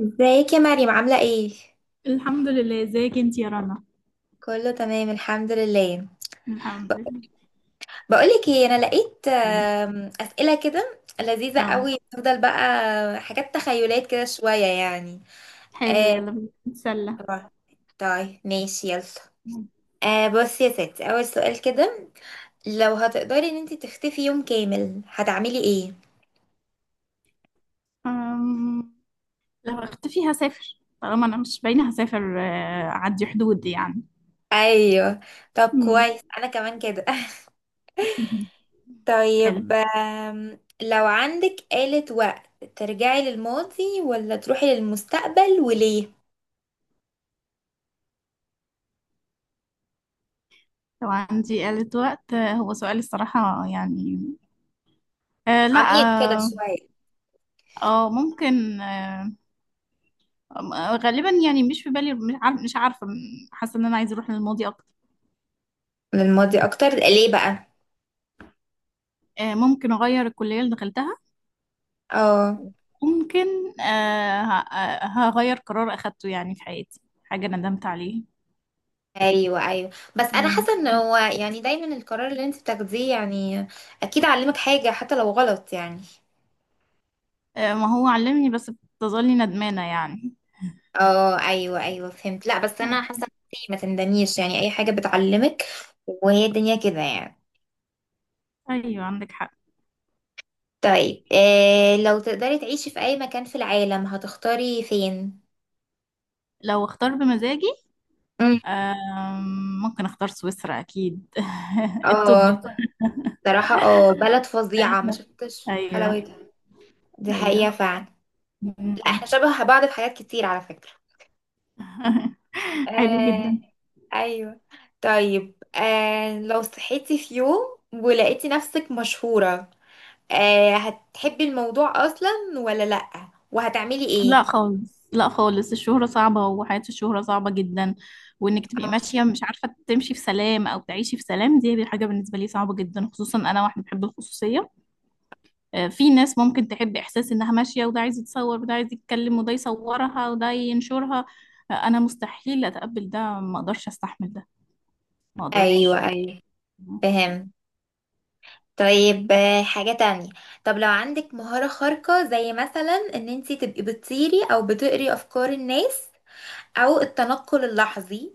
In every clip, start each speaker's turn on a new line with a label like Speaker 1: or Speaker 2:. Speaker 1: ازيك يا مريم عاملة ايه؟
Speaker 2: الحمد لله. ازيك انت يا رنا؟
Speaker 1: كله تمام الحمد لله.
Speaker 2: الحمد لله.
Speaker 1: بقولك ايه، انا لقيت
Speaker 2: تمام.
Speaker 1: اسئلة كده لذيذة
Speaker 2: اه.
Speaker 1: قوي، تفضل بقى. حاجات تخيلات كده شوية يعني.
Speaker 2: حلو،
Speaker 1: آه،
Speaker 2: يلا بينا نتسلى.
Speaker 1: طبعا. طيب ماشي يلا. بصي يا ستي اول سؤال كده. لو هتقدري ان انت تختفي يوم كامل هتعملي ايه؟
Speaker 2: أم... لو اختفي هسافر، طالما انا مش باينه هسافر، اعدي حدود يعني.
Speaker 1: ايوه. طب
Speaker 2: مم.
Speaker 1: كويس انا كمان كده
Speaker 2: حلو.
Speaker 1: طيب لو عندك آلة وقت ترجعي للماضي ولا تروحي للمستقبل وليه؟
Speaker 2: لو عندي آلة وقت، هو سؤال الصراحة يعني. آه لا
Speaker 1: عميق كده
Speaker 2: اه
Speaker 1: شوية.
Speaker 2: آه، ممكن. غالبا يعني، مش في بالي، مش عارفة. حاسة ان انا عايزة اروح للماضي اكتر.
Speaker 1: للماضي أكتر ليه بقى؟
Speaker 2: ممكن اغير الكلية اللي دخلتها.
Speaker 1: اه
Speaker 2: ممكن. هغير قرار أخدته يعني في حياتي، حاجة ندمت عليها.
Speaker 1: ايوه ايوه. بس انا
Speaker 2: مم.
Speaker 1: حاسه ان هو يعني دايما القرار اللي انت بتاخديه يعني اكيد علمك حاجه حتى لو غلط يعني.
Speaker 2: آه، ما هو علمني، بس بتظلي ندمانة يعني.
Speaker 1: اه ايوه ايوه فهمت. لا بس انا
Speaker 2: أي-
Speaker 1: حاسه ان انتي ما تندميش، يعني اي حاجه بتعلمك وهي الدنيا كده يعني.
Speaker 2: أيوة، عندك حق.
Speaker 1: طيب إيه، لو تقدري تعيشي في اي مكان في العالم هتختاري فين؟
Speaker 2: لو اختار بمزاجي،
Speaker 1: امم.
Speaker 2: آه، ممكن اختار سويسرا أكيد الطب.
Speaker 1: اه صراحة اه بلد فظيعة ما
Speaker 2: أيوة.
Speaker 1: شفتش حلاوتها.
Speaker 2: أيوة.
Speaker 1: دي
Speaker 2: أيوة.
Speaker 1: حقيقة فعلا.
Speaker 2: مم.
Speaker 1: لا احنا شبه بعض في حاجات كتير على فكرة.
Speaker 2: حلو جدا.
Speaker 1: آه ايوه. طيب لو صحيتي في يوم ولقيتي نفسك مشهورة، آه هتحبي الموضوع اصلا ولا لأ؟ وهتعملي ايه؟
Speaker 2: لا خالص، لا خالص، الشهرة صعبة، وحياة الشهرة صعبة جدا. وانك تبقي
Speaker 1: آه،
Speaker 2: ماشية مش عارفة تمشي في سلام او تعيشي في سلام، دي حاجة بالنسبة لي صعبة جدا، خصوصا انا واحدة بحب الخصوصية. آه، في ناس ممكن تحب احساس انها ماشية، وده عايز يتصور، وده عايز يتكلم، وده يصورها، وده ينشرها. آه، انا مستحيل اتقبل ده، ما اقدرش استحمل ده، ما
Speaker 1: ايوه
Speaker 2: اقدرش.
Speaker 1: ايوه فهم. طيب حاجة تانية. طب لو عندك مهارة خارقة زي مثلا ان انتي تبقي بتطيري او بتقري افكار الناس، او التنقل اللحظي،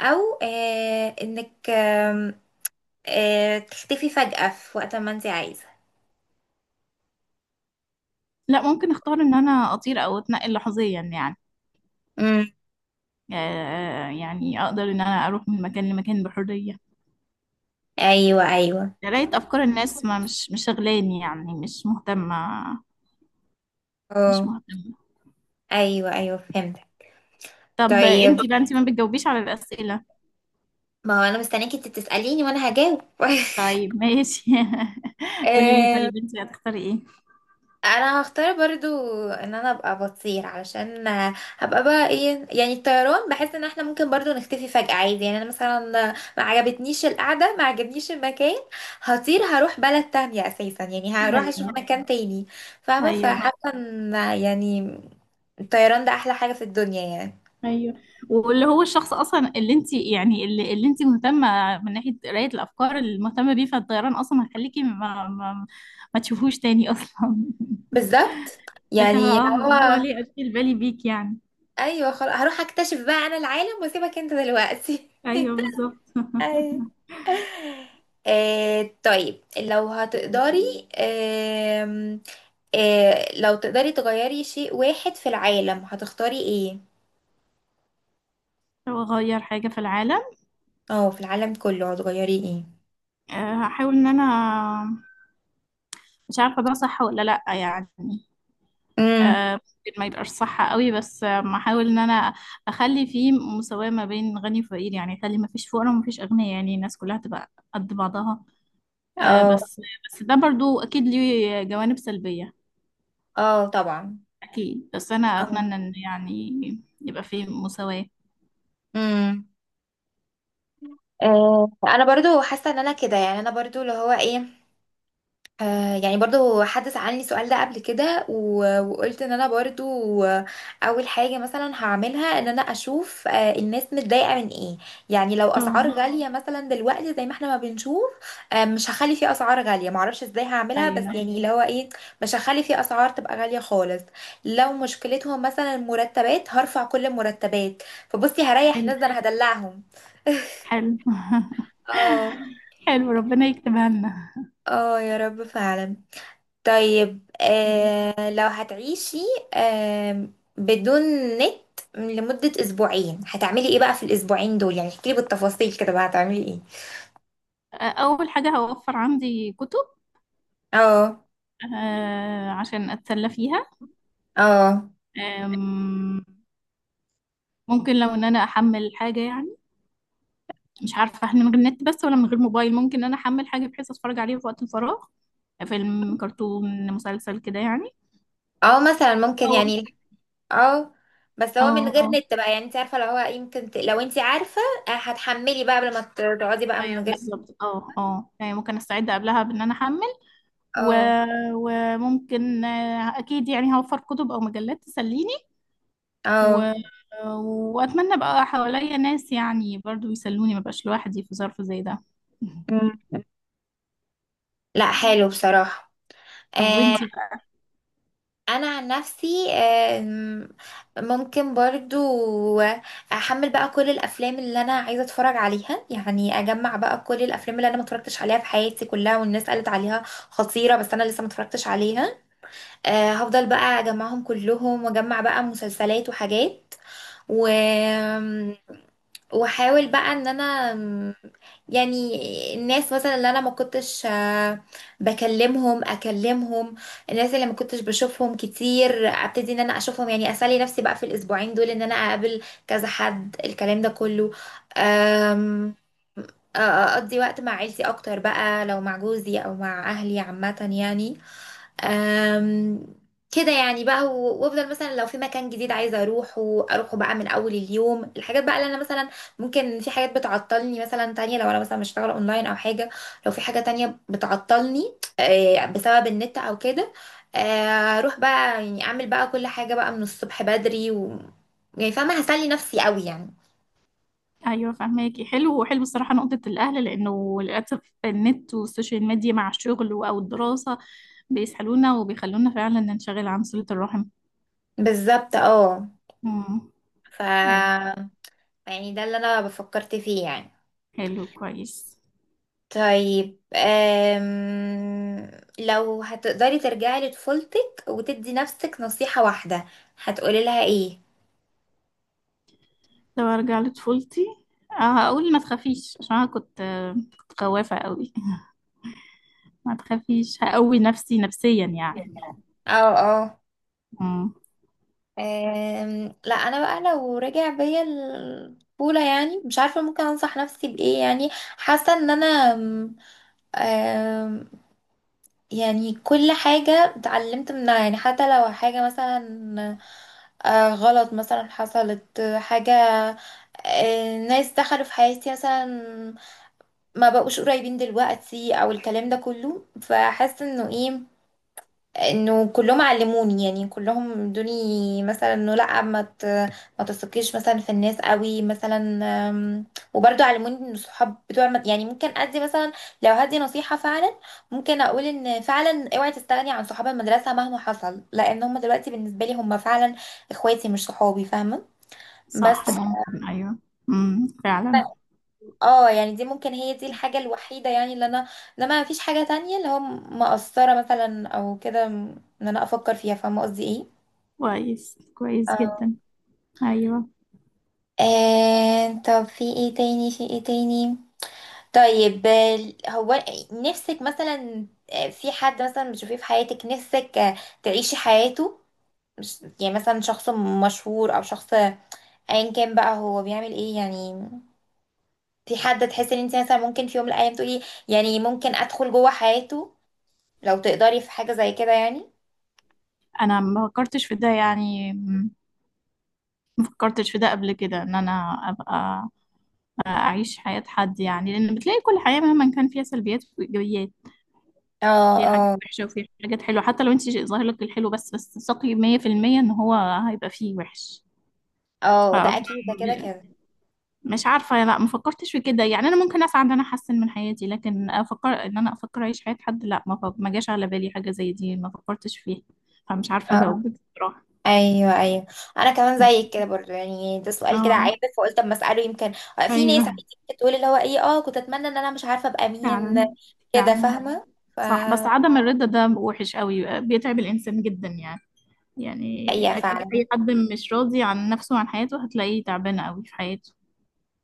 Speaker 1: او آه انك آه تختفي فجأة في وقت ما انت عايزة.
Speaker 2: لا، ممكن اختار ان انا اطير او اتنقل لحظيا يعني.
Speaker 1: امم،
Speaker 2: آه، يعني اقدر ان انا اروح من مكان لمكان بحرية.
Speaker 1: ايوه ايوه.
Speaker 2: قراية أفكار الناس ما مش شغلاني يعني، مش مهتمة. مش
Speaker 1: اه
Speaker 2: مهتمة.
Speaker 1: ايوه ايوه فهمت.
Speaker 2: طب
Speaker 1: طيب
Speaker 2: انتي بقى، انتي ما بتجاوبيش على الأسئلة؟
Speaker 1: ما هو انا مستنيك انت تسأليني وانا هجاوب.
Speaker 2: طيب ماشي. قولي لي،
Speaker 1: آم،
Speaker 2: طيب انتي هتختاري ايه؟
Speaker 1: انا هختار برضو ان انا ابقى بطير، علشان هبقى بقى ايه يعني. الطيران بحس ان احنا ممكن برضو نختفي فجأة عادي يعني. انا مثلا ما عجبتنيش القعدة ما عجبنيش المكان، هطير هروح بلد تانية اساسا. يعني هروح اشوف
Speaker 2: ايوه.
Speaker 1: مكان تاني، فاهمة؟
Speaker 2: ايوه.
Speaker 1: فحاسة ان يعني الطيران ده احلى حاجة في الدنيا يعني.
Speaker 2: ايوه. واللي هو الشخص اصلا اللي انت يعني اللي انت مهتمه من ناحيه قرايه الافكار اللي مهتمه بيه، فالطيران اصلا هيخليكي ما تشوفوش تاني اصلا
Speaker 1: بالظبط،
Speaker 2: اللي هو
Speaker 1: يعني اللي
Speaker 2: اه، اللي هو
Speaker 1: هو
Speaker 2: ليه اشيل بالي بيك يعني.
Speaker 1: ايوه. خلاص، هروح اكتشف بقى انا العالم واسيبك انت دلوقتي.
Speaker 2: ايوه، بالظبط
Speaker 1: ايوه. آه طيب لو هتقدري آه، لو تقدري تغيري شيء واحد في العالم هتختاري ايه؟
Speaker 2: لو اغير حاجه في العالم،
Speaker 1: اه في العالم كله هتغيري ايه؟
Speaker 2: آه، هحاول ان انا، مش عارفه ده صح ولا لا يعني،
Speaker 1: امم.
Speaker 2: ممكن ما يبقاش صح قوي، بس آه، احاول ان انا اخلي فيه مساواه ما بين غني وفقير يعني، اخلي ما فيش فقراء وما فيش اغنياء، يعني الناس كلها تبقى قد بعضها. آه،
Speaker 1: اه
Speaker 2: بس ده برضو اكيد ليه جوانب سلبيه.
Speaker 1: اه طبعا.
Speaker 2: اكيد، بس انا
Speaker 1: اه.
Speaker 2: اتمنى ان يعني يبقى فيه مساواه.
Speaker 1: امم. آه انا برضو حاسه ان انا كده، يعني انا برضو اللي هو ايه. يعني برضو حد سألني السؤال ده قبل كده وقلت ان انا برضو اول حاجة مثلا هعملها ان انا اشوف الناس متضايقة من ايه. يعني لو اسعار اه
Speaker 2: اه.
Speaker 1: غالية مثلا دلوقتي زي ما احنا ما بنشوف، مش هخلي في اسعار غالية، معرفش ازاي هعملها، بس
Speaker 2: ايوه.
Speaker 1: يعني اللي هو ايه، مش هخلي في اسعار تبقى غالية خالص. لو مشكلتهم مثلا المرتبات، هرفع كل المرتبات. فبصي هريح
Speaker 2: حلو.
Speaker 1: الناس، ده انا هدلعهم.
Speaker 2: حلو.
Speaker 1: اه
Speaker 2: حلو، ربنا يكتبها لنا.
Speaker 1: اه يا رب فعلا. طيب لو هتعيشي آه بدون نت لمدة أسبوعين هتعملي ايه بقى في الأسبوعين دول؟ يعني احكيلي بالتفاصيل كده بقى هتعملي ايه.
Speaker 2: أول حاجة هوفر عندي كتب،
Speaker 1: اه.
Speaker 2: آه، عشان أتسلى فيها.
Speaker 1: اه.
Speaker 2: آم، ممكن لو إن أنا أحمل حاجة يعني، مش عارفة إحنا من غير نت بس ولا من غير موبايل، ممكن إن أنا أحمل حاجة بحيث أتفرج عليها في وقت الفراغ، فيلم، كرتون، مسلسل كده يعني.
Speaker 1: اه مثلا ممكن
Speaker 2: اه.
Speaker 1: يعني. اه. بس
Speaker 2: اه.
Speaker 1: هو من غير
Speaker 2: اه.
Speaker 1: نت بقى، يعني انت عارفة، لو هو يمكن لو انت عارفة هتحملي بقى قبل ما تقعدي بقى
Speaker 2: ايوه
Speaker 1: من غير.
Speaker 2: بالظبط، اه اه يعني ممكن استعد قبلها بان انا احمل. و...
Speaker 1: اه
Speaker 2: وممكن آه، اكيد يعني هوفر كتب او مجلات تسليني. و...
Speaker 1: اه.
Speaker 2: واتمنى بقى حواليا ناس يعني برضو يسلوني، ما بقاش لوحدي في ظرف زي ده.
Speaker 1: مم. لا حلو بصراحة.
Speaker 2: طب
Speaker 1: آه
Speaker 2: وانتي بقى؟
Speaker 1: انا عن نفسي ممكن برضو احمل بقى كل الافلام اللي انا عايزه اتفرج عليها. يعني اجمع بقى كل الافلام اللي انا ما اتفرجتش عليها في حياتي كلها، والناس قالت عليها خطيره بس انا لسه ما اتفرجتش عليها. هفضل بقى اجمعهم كلهم واجمع بقى مسلسلات وحاجات و... واحاول بقى ان انا يعني الناس مثلا اللي انا ما كنتش بكلمهم اكلمهم، الناس اللي ما كنتش بشوفهم كتير ابتدي ان انا اشوفهم. يعني اسالي نفسي بقى في الاسبوعين دول ان انا اقابل كذا حد الكلام ده كله. أم، اقضي وقت مع عيلتي اكتر بقى لو مع جوزي او مع اهلي عامة يعني. أم، كده يعني بقى وافضل مثلا لو في مكان جديد عايزه اروحه اروحه بقى من اول اليوم. الحاجات بقى اللي انا مثلا ممكن في حاجات بتعطلني مثلا تانية، لو انا مثلا بشتغل اونلاين او حاجه، لو في حاجه تانية بتعطلني بسبب النت او كده، اروح بقى يعني اعمل بقى كل حاجه بقى من الصبح بدري و يعني فاهمه، هسلي نفسي قوي يعني.
Speaker 2: ايوه فهماكي، حلو. وحلو الصراحه نقطه الاهل، لانه للاسف النت والسوشيال ميديا مع الشغل او الدراسه بيسحلونا وبيخلونا فعلا ننشغل عن صله الرحم.
Speaker 1: بالظبط اه.
Speaker 2: امم.
Speaker 1: ف
Speaker 2: ايوه.
Speaker 1: يعني ده اللي انا فكرت فيه يعني.
Speaker 2: حلو كويس.
Speaker 1: طيب لو هتقدري ترجعي لطفولتك وتدي نفسك نصيحة واحدة هتقولي لها ايه؟
Speaker 2: لو ارجع لطفولتي، آه، هقول ما تخافيش، عشان انا كنت آه، كنت خوافه قوي ما تخافيش، هقوي نفسي نفسيا يعني.
Speaker 1: يعني اه اه.
Speaker 2: امم.
Speaker 1: لا انا بقى لو رجع بيا الطفولة، يعني مش عارفة ممكن انصح نفسي بايه يعني. حاسة ان انا أم... أم، يعني كل حاجة اتعلمت منها. يعني حتى لو حاجة مثلا غلط مثلا حصلت حاجة، ناس دخلوا في حياتي مثلا، ما بقوش قريبين دلوقتي او الكلام ده كله، فحاسه انه ايه، انه كلهم علموني. يعني كلهم ادوني مثلا انه لا ما تثقيش مثلا في الناس قوي مثلا. أم، وبرضه علموني ان الصحاب بتوع يعني ممكن ادي مثلا، لو هدي نصيحه فعلا ممكن اقول ان فعلا اوعي تستغني عن صحاب المدرسه مهما حصل، لان هم دلوقتي بالنسبه لي هم فعلا اخواتي مش صحابي، فاهمه؟
Speaker 2: صح،
Speaker 1: بس
Speaker 2: ممكن ايوه. امم. فعلا.
Speaker 1: اه، يعني دي ممكن هي دي الحاجة الوحيدة يعني اللي انا، لما مفيش حاجة تانية اللي هو مقصرة مثلا او كده ان انا افكر فيها. فاهمة قصدي ايه؟
Speaker 2: كويس كويس
Speaker 1: اه.
Speaker 2: جدا. ايوه.
Speaker 1: آه طب في ايه تاني في ايه تاني. طيب هو نفسك مثلا في حد مثلا بتشوفيه في حياتك نفسك تعيشي حياته، مش يعني مثلا شخص مشهور او شخص ايا كان بقى هو بيعمل ايه يعني. في حد تحسي ان انت مثلا ممكن في يوم من الايام تقولي يعني ممكن ادخل جوه حياته لو تقدري، في حاجة زي كده يعني؟
Speaker 2: انا ما فكرتش في ده يعني، فكرتش في ده قبل كده، ان انا ابقى اعيش حياة حد يعني، لان بتلاقي كل حياة مهما كان فيها سلبيات وايجابيات،
Speaker 1: اه
Speaker 2: فيها حاجات
Speaker 1: اه
Speaker 2: وحشة وفيها حاجات حلوة، حتى لو انت ظاهر لك الحلو، بس ثقي 100% ان هو هيبقى فيه وحش. ف
Speaker 1: اه ده اكيد ده كده كده.
Speaker 2: مش عارفة، لا ما فكرتش في كده يعني. انا ممكن اسعى ان انا احسن من حياتي، لكن افكر ان انا افكر اعيش حياة حد، لا، ما جاش على بالي حاجة زي دي، ما فكرتش فيها. فمش عارفة
Speaker 1: اه
Speaker 2: اجاوبك بصراحة.
Speaker 1: ايوه ايوه، انا كمان زيك كده برضو يعني. ده سؤال كده عابر
Speaker 2: اه.
Speaker 1: فقلت اما اساله يمكن. في
Speaker 2: ايوه.
Speaker 1: ناس عادي بتقول اللي هو ايه اه كنت اتمنى ان انا مش عارفه ابقى مين
Speaker 2: فعلا.
Speaker 1: كده،
Speaker 2: فعلا
Speaker 1: فاهمه؟ ف
Speaker 2: صح. بس عدم الرضا ده وحش قوي، بيتعب الإنسان جدا يعني. يعني
Speaker 1: حقيقه فعلا،
Speaker 2: أي حد مش راضي عن نفسه وعن حياته هتلاقيه تعبان قوي في حياته.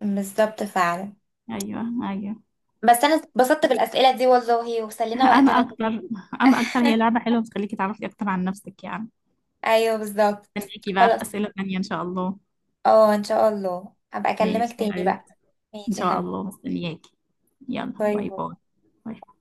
Speaker 1: بالظبط فعلا.
Speaker 2: أيوه. أيوه.
Speaker 1: بس انا اتبسطت بالاسئله دي والله وسلينا
Speaker 2: أنا
Speaker 1: وقتنا كده.
Speaker 2: أكتر. أنا أكتر، هي لعبة حلوة بتخليكي تعرفي أكتر عن نفسك يعني.
Speaker 1: ايوه بالظبط.
Speaker 2: مستنياكي بقى
Speaker 1: خلاص
Speaker 2: في أسئلة تانية إن شاء الله.
Speaker 1: اه ان شاء الله هبقى اكلمك
Speaker 2: ماشي
Speaker 1: تاني
Speaker 2: أيوة.
Speaker 1: بقى.
Speaker 2: إن
Speaker 1: ماشي يا
Speaker 2: شاء
Speaker 1: حبيبي،
Speaker 2: الله مستنياكي. يلا،
Speaker 1: باي
Speaker 2: باي
Speaker 1: باي.
Speaker 2: باي. باي.